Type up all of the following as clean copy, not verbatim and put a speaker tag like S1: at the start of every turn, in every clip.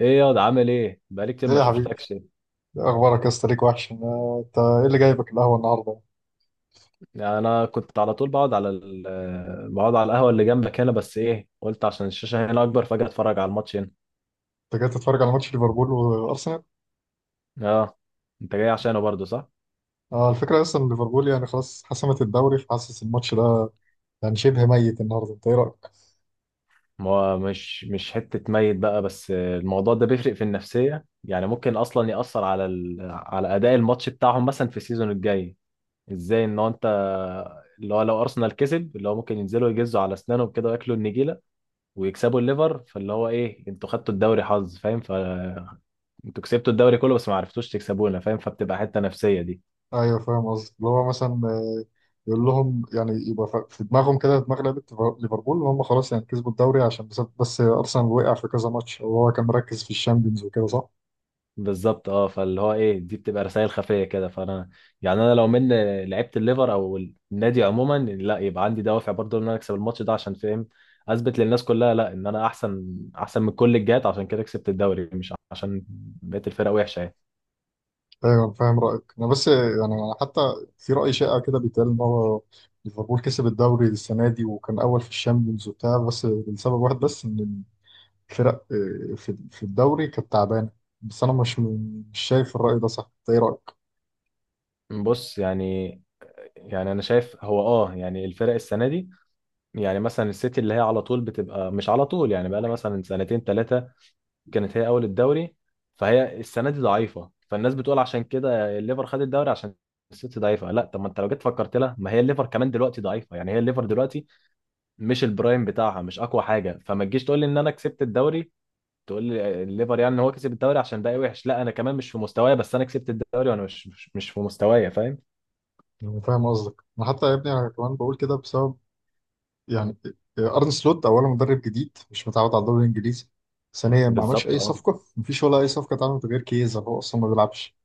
S1: ايه ياض، عامل ايه؟ بقالي كتير
S2: ليه
S1: ما
S2: يا حبيبي؟
S1: شفتكش.
S2: اخبارك يا اسطى؟ ليك وحش انت ايه اللي جايبك القهوه النهارده؟
S1: يعني انا كنت على طول بقعد على ال... آه، بقعد على القهوه اللي جنبك هنا، بس ايه، قلت عشان الشاشه هنا اكبر فجاه اتفرج على الماتش هنا.
S2: انت جاي تتفرج على ماتش ليفربول وارسنال؟
S1: اه. انت جاي عشانه برضه، صح؟
S2: اه، الفكره اصلا إن ليفربول يعني خلاص حسمت الدوري، فحاسس الماتش ده يعني شبه ميت النهارده. انت ايه رايك؟
S1: ما هو مش حته ميت بقى، بس الموضوع ده بيفرق في النفسيه، يعني ممكن اصلا ياثر على اداء الماتش بتاعهم مثلا في السيزون الجاي. ازاي ان هو انت، اللي هو لو ارسنال كسب، اللي هو ممكن ينزلوا يجزوا على اسنانهم كده وياكلوا النجيله ويكسبوا الليفر، فاللي هو ايه، انتوا خدتوا الدوري حظ، فاهم؟ انتوا كسبتوا الدوري كله بس ما عرفتوش تكسبونا، فاهم؟ فبتبقى حته نفسيه دي.
S2: ايوه فاهم قصدي، اللي هو مثلا يقول لهم، يعني يبقى في دماغهم كده دماغ لعيبه ليفربول، ان هم خلاص يعني كسبوا الدوري عشان بس ارسنال وقع في كذا ماتش، وهو كان مركز في الشامبيونز وكده، صح؟
S1: بالظبط اه، فاللي هو ايه، دي بتبقى رسائل خفيه كده، فانا يعني انا لو من لعيبه الليفر او النادي عموما، لا، يبقى عندي دوافع برضه ان انا اكسب الماتش ده، عشان، فاهم، اثبت للناس كلها لا، ان انا احسن، احسن من كل الجهات، عشان كده كسبت الدوري، مش عشان بقيه الفرق وحشه يعني.
S2: ايوه فاهم رايك. انا بس يعني أنا حتى في راي شائع كده بيتقال ان هو ليفربول كسب الدوري السنه دي وكان اول في الشامبيونز وبتاع، بس لسبب واحد بس، ان الفرق في الدوري كانت تعبانه. بس انا مش شايف الراي ده صح. انت ايه رايك؟
S1: بص، يعني يعني انا شايف هو اه، يعني الفرق السنه دي، يعني مثلا السيتي، اللي هي على طول بتبقى، مش على طول يعني، بقى لها مثلا سنتين ثلاثه كانت هي اول الدوري، فهي السنه دي ضعيفه، فالناس بتقول عشان كده الليفر خد الدوري عشان السيتي ضعيفه. لا، طب ما انت لو جيت فكرت لها، ما هي الليفر كمان دلوقتي ضعيفه، يعني هي الليفر دلوقتي مش البرايم بتاعها، مش اقوى حاجه، فما تجيش تقول لي ان انا كسبت الدوري، تقول لي الليفر يعني إن هو كسب الدوري عشان باقي وحش، لا انا كمان مش في مستواي، بس انا كسبت الدوري، وانا مش في مستواي، فاهم؟
S2: انا فاهم قصدك. انا حتى يا ابني انا كمان بقول كده بسبب يعني ارن سلوت اولا مدرب جديد مش متعود على الدوري الانجليزي. ثانيا ما عملش
S1: بالظبط
S2: اي
S1: اه.
S2: صفقه، مفيش ولا اي صفقه اتعملت غير كيزا، هو اصلا ما بيلعبش.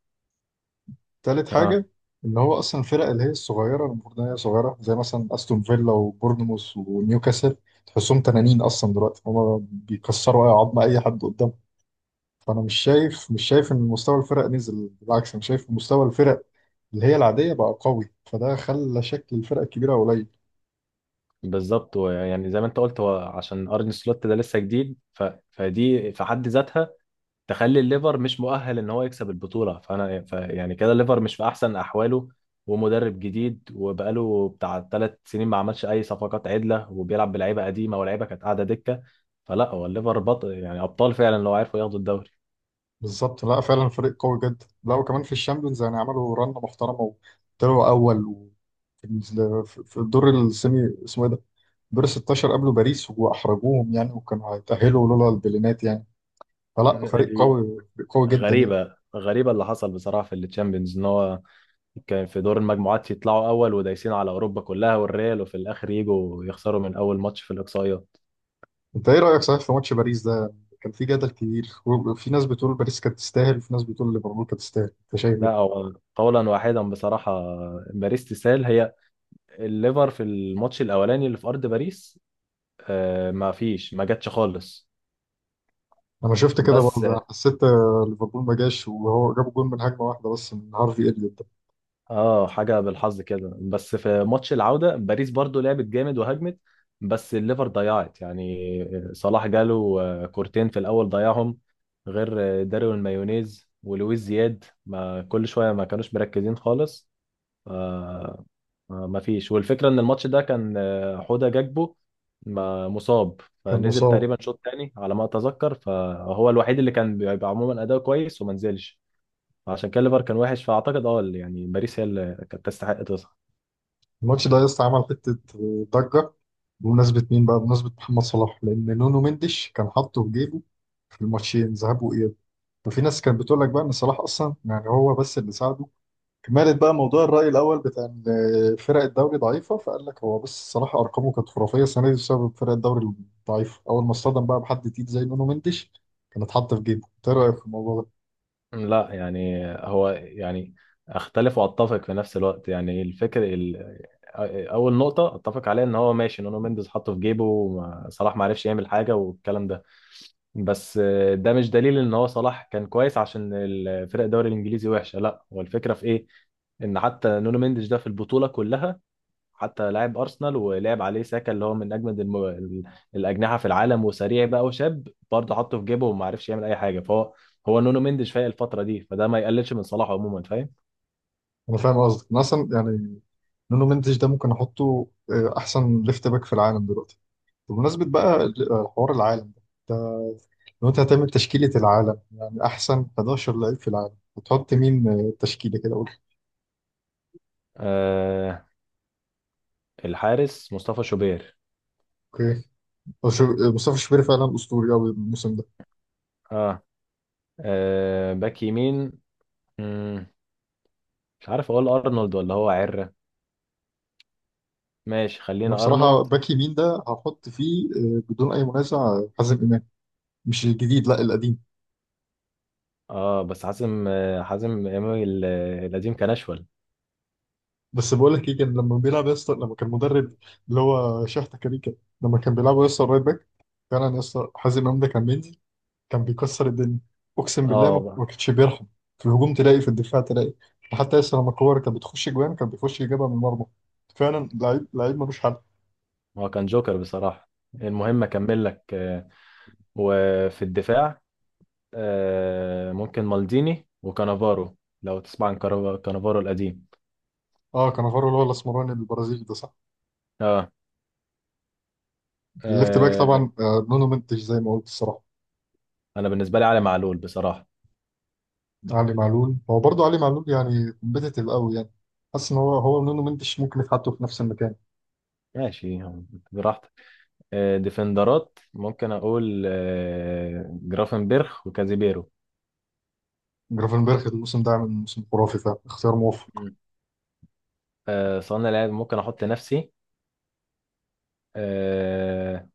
S2: تالت
S1: اه
S2: حاجة، إن هو أصلا الفرق اللي هي الصغيرة المفروض إن هي صغيرة، زي مثلا أستون فيلا وبورنموث ونيوكاسل، تحسهم تنانين أصلا دلوقتي، هما بيكسروا أي عظمة أي حد قدامهم. فأنا مش شايف مش شايف إن مستوى الفرق نزل، بالعكس أنا شايف مستوى الفرق اللي هي العادية بقى قوي، فده خلى شكل الفرق الكبيرة قليل.
S1: بالظبط، ويعني زي ما انت قلت، هو عشان ارن سلوت ده لسه جديد فدي في حد ذاتها تخلي الليفر مش مؤهل ان هو يكسب البطوله، فانا يعني كده الليفر مش في احسن احواله، ومدرب جديد وبقاله بتاع ثلاث سنين ما عملش اي صفقات عدله، وبيلعب بلعيبه قديمه ولاعيبه كانت قاعده دكه، فلا، هو الليفر بطل، يعني ابطال فعلا لو عرفوا ياخدوا الدوري.
S2: بالظبط، لا فعلا فريق قوي جدا، لا وكمان في الشامبيونز يعني عملوا رنة محترمة، وطلعوا أول و... في الدور السيمي اسمه إيه ده؟ دور 16 قابلوا باريس وأحرجوهم يعني، وكانوا هيتأهلوا لولا البلينات يعني. فلا فريق
S1: دي
S2: قوي، فريق قوي جدا يعني.
S1: غريبه، غريبه اللي حصل بصراحه في التشامبيونز، ان هو كان في دور المجموعات يطلعوا اول ودايسين على اوروبا كلها والريال، وفي الاخر يجوا يخسروا من اول ماتش في الاقصائيات.
S2: أنت إيه رأيك صحيح في ماتش باريس ده؟ كان في جدل كبير، وفي ناس بتقول باريس كانت تستاهل، وفي ناس بتقول ليفربول كانت تستاهل. أنت شايف
S1: لا،
S2: إيه؟
S1: هو قولا واحدا بصراحه، باريس تسال، هي الليفر في الماتش الاولاني اللي في ارض باريس آه، ما فيش، ما جاتش خالص.
S2: لما شفت كده
S1: بس
S2: برضه أنا حسيت ليفربول ما جاش، وهو جاب جون من هجمة واحدة بس، من هارفي إليوت ده.
S1: اه، حاجه بالحظ كده. بس في ماتش العوده باريس برضو لعبت جامد وهجمت، بس الليفر ضيعت، يعني صلاح جاله كورتين في الاول ضيعهم، غير دارون مايونيز ولويس زياد ما كل شويه ما كانوش مركزين خالص. آه. آه، ما فيش. والفكرة ان الماتش ده كان حوده جاكبو مصاب،
S2: كان
S1: فنزل
S2: مصاب.
S1: تقريبا شوط تاني على ما اتذكر، فهو الوحيد اللي كان بيبقى عموما اداؤه كويس وما نزلش. فعشان كده ليفر كان وحش، فاعتقد اه يعني باريس هي اللي كانت تستحق تصعد.
S2: الماتش ده لسه عمل حتة ضجة، بمناسبة مين بقى؟ بمناسبة محمد صلاح، لأن نونو مندش كان حاطه في جيبه في الماتشين ذهاب وإياب. ففي ناس كانت بتقول لك بقى إن صلاح أصلا يعني هو بس اللي ساعده، كمالة بقى موضوع الرأي الأول بتاع إن فرق الدوري ضعيفة. فقال لك هو بس صلاح أرقامه كانت خرافية السنة دي بسبب فرق الدوري الضعيفة، أول ما اصطدم بقى بحد تقيل زي نونو مندش كانت حاطة في جيبه. إنت إيه رأيك في الموضوع ده؟
S1: لا يعني، هو يعني اختلف واتفق في نفس الوقت، يعني اول نقطة اتفق عليها ان هو ماشي، نونو مينديز حطه في جيبه صلاح ما عرفش يعمل حاجة والكلام ده، بس ده مش دليل ان هو صلاح كان كويس عشان الفرق الدوري الانجليزي وحشه، لا، هو الفكره في ايه، ان حتى نونو مينديش ده في البطوله كلها، حتى لاعب ارسنال ولعب عليه ساكا، اللي هو من اجمد الاجنحه في العالم، وسريع بقى وشاب برضه، حطه في جيبه وما عرفش يعمل اي حاجه، فهو هو نونو مينديش فايق الفتره دي، فده ما يقللش من صلاح عموما، فاهم؟
S2: أنا فاهم قصدك. أنا أصلا يعني نونو مندش ده ممكن أحطه أحسن ليفت باك في العالم دلوقتي. بمناسبة بقى حوار العالم ده، لو انت هتعمل تشكيلة العالم، يعني احسن 11 لعيب في العالم، هتحط مين؟ تشكيلة كده قول.
S1: آه الحارس مصطفى شوبير.
S2: اوكي. هو مصطفى شوبير فعلا اسطوري قوي الموسم ده.
S1: اه, باك يمين، مم، مش عارف اقول ارنولد ولا هو عره. ماشي،
S2: انا
S1: خلينا
S2: بصراحة
S1: ارنولد.
S2: باك يمين ده هحط فيه بدون اي منازع حازم امام. مش الجديد، لا القديم.
S1: اه، بس حازم امام القديم كان اشول.
S2: بس بقول لك ايه، كان لما بيلعب يا اسطى لما كان مدرب اللي هو شحتة كاريكا، لما كان بيلعب يا اسطى الرايت باك، فعلا يا اسطى حازم امام ده كان بينزل، كان بيكسر الدنيا. اقسم بالله ما
S1: اه،
S2: ما كانش بيرحم. في الهجوم تلاقي، في الدفاع تلاقي، حتى لسه لما كوره كانت بتخش جوان كان بيخش يجيبها من المرمى. فعلا لعيب لعيب ملوش حل.
S1: هو كان جوكر بصراحه. المهم، اكمل لك. وفي الدفاع، ممكن مالديني وكانافارو، لو تسمع عن كانافارو القديم.
S2: اه كانافارو اللي هو الاسمراني البرازيلي ده، صح.
S1: اه
S2: الليفت باك
S1: آه،
S2: طبعا نونو منتش زي ما قلت الصراحه.
S1: انا بالنسبه لي علي معلول بصراحه.
S2: علي معلول، هو برضه علي معلول يعني كومبيتيتيف قوي يعني. حاسس ان هو نونو منتش ممكن يتحطوا في نفس المكان.
S1: ماشي، براحتك. ديفندرات ممكن اقول جرافنبرخ وكازيبيرو.
S2: جرافنبرخ الموسم ده عامل موسم خرافي، فعلا اختيار موفق.
S1: مم. صانع لعب ممكن احط نفسي. آه،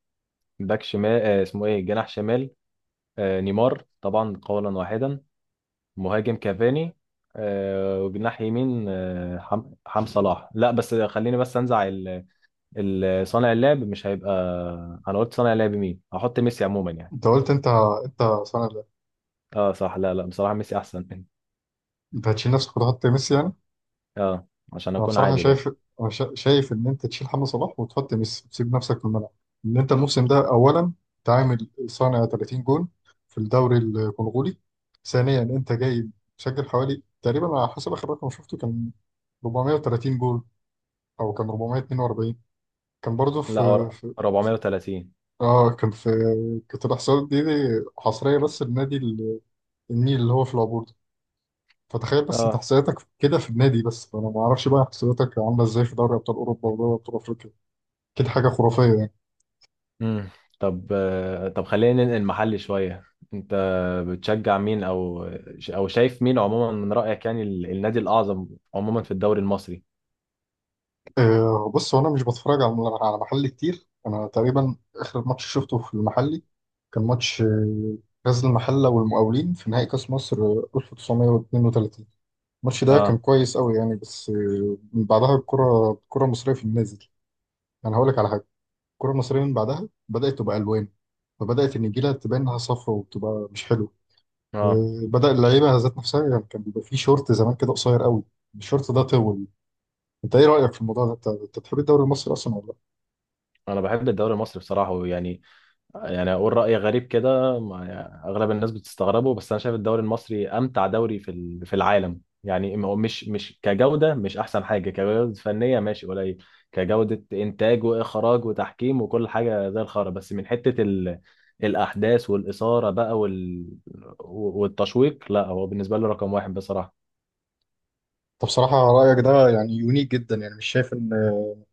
S1: باك شمال، اسمه ايه، جناح شمال، نيمار طبعا قولا واحدا. مهاجم كافاني، وجناح يمين آه، حم حم صلاح. لا بس خليني بس انزع صانع اللعب، مش هيبقى، انا قلت صانع اللعب مين، هحط ميسي عموما يعني.
S2: انت قلت، انت سنه ده.
S1: اه صح، لا لا، بصراحة ميسي احسن.
S2: انت هتشيل نفسك وتحط ميسي يعني؟
S1: اه، عشان
S2: انا
S1: اكون
S2: بصراحه
S1: عادل يعني.
S2: شايف، أنا شايف ان انت تشيل محمد صلاح وتحط ميسي وتسيب نفسك في الملعب، ان انت الموسم ده اولا أنت عامل صانع 30 جون في الدوري الكونغولي، ثانيا انت جاي مسجل حوالي تقريبا على حسب اخر رقم شفته، كان 430 جول، او كان 442، كان برضه
S1: لا
S2: في في
S1: 430.
S2: اه كان في. كانت الاحصائيات دي حصريه بس لنادي النيل اللي هو في العبور ده. فتخيل بس انت
S1: اه.
S2: احصائياتك كده في النادي بس، فانا ما اعرفش بقى احصائياتك عامله ازاي في دوري ابطال اوروبا ودوري ابطال افريقيا. كده حاجة خرافية يعني.
S1: مم. طب طب خلينا ننقل محلي شوية. انت بتشجع مين، او شايف مين عموما من رأيك يعني النادي الأعظم عموما في الدوري المصري؟
S2: أه بص، هو أنا مش بتفرج على محلي كتير. أنا تقريبا آخر ماتش شفته في المحلي كان ماتش غزل المحلة والمقاولين في نهائي كأس مصر 1932. الماتش ده كان
S1: ها.
S2: كويس أوي يعني، بس من بعدها الكرة المصرية في النازل. أنا هقول لك على حاجة، الكرة المصرية من بعدها بدأت تبقى ألوان، فبدأت النجيلة تبان إنها صفرا وبتبقى مش حلوة.
S1: ها،
S2: وبدأ اللعيبة ذات نفسها، يعني كان بيبقى فيه شورت زمان كده قصير أوي، الشورت ده طول. انت ايه رايك في الموضوع ده؟ انت بتحب الدوري المصري اصلا ولا لا؟
S1: انا بحب الدوري المصري بصراحة، يعني يعني اقول راي غريب كده، يعني اغلب الناس بتستغربه، بس انا شايف الدوري المصري امتع دوري في العالم، يعني ما هو مش كجوده، مش احسن حاجه كجوده فنيه، ماشي قليل، كجوده انتاج واخراج وتحكيم وكل حاجه زي الخرا، بس من حته الاحداث والاثاره بقى والتشويق، لا، هو بالنسبه لي رقم واحد بصراحه.
S2: انت بصراحه رايك ده يعني يونيك جدا يعني، مش شايف ان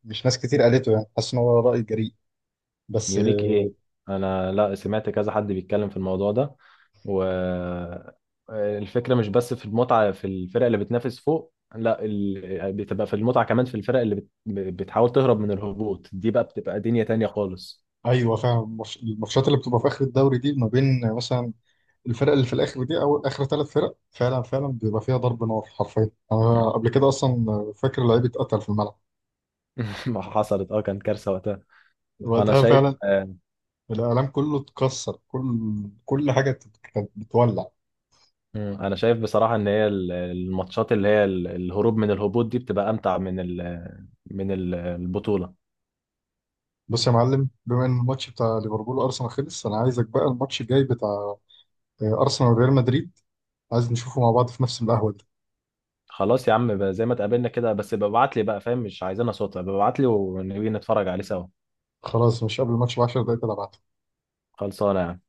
S2: مش ناس كتير قالته يعني، حاسس ان هو راي جريء بس
S1: يونيك ايه؟ انا لا، سمعت كذا حد بيتكلم في الموضوع ده. والفكرة مش بس في المتعة في الفرق اللي بتنافس فوق، لا، بتبقى في المتعة كمان في الفرق اللي بتحاول تهرب من الهبوط، دي بقى بتبقى دنيا تانية خالص.
S2: ايوه فعلا. الماتشات اللي بتبقى في اخر الدوري دي ما بين مثلا الفرق اللي في الاخر دي، او اخر ثلاث فرق، فعلا فعلا بيبقى فيها ضرب نار حرفيا. انا قبل كده اصلا فاكر لعيب اتقتل في الملعب.
S1: مم. ما حصلت، اه، كان كارثة وقتها. انا
S2: وقتها
S1: شايف
S2: فعلا الاعلام كله اتكسر، كل حاجه كانت بتولع.
S1: مم. انا شايف بصراحة ان هي الماتشات اللي هي الهروب من الهبوط دي بتبقى امتع من البطولة.
S2: بص يا معلم، بما ان الماتش بتاع ليفربول وارسنال خلص، انا عايزك بقى الماتش الجاي بتاع ارسنال وريال مدريد عايز نشوفه مع بعض في نفس القهوه دي.
S1: خلاص يا عم بقى، زي ما اتقابلنا كده، بس ابقى ابعت لي بقى، فاهم، مش عايزينها صوت، ابقى ابعت لي ونبي نتفرج عليه سوا.
S2: خلاص، مش قبل الماتش ب 10 دقايق تلعب؟
S1: خلصانة يعني.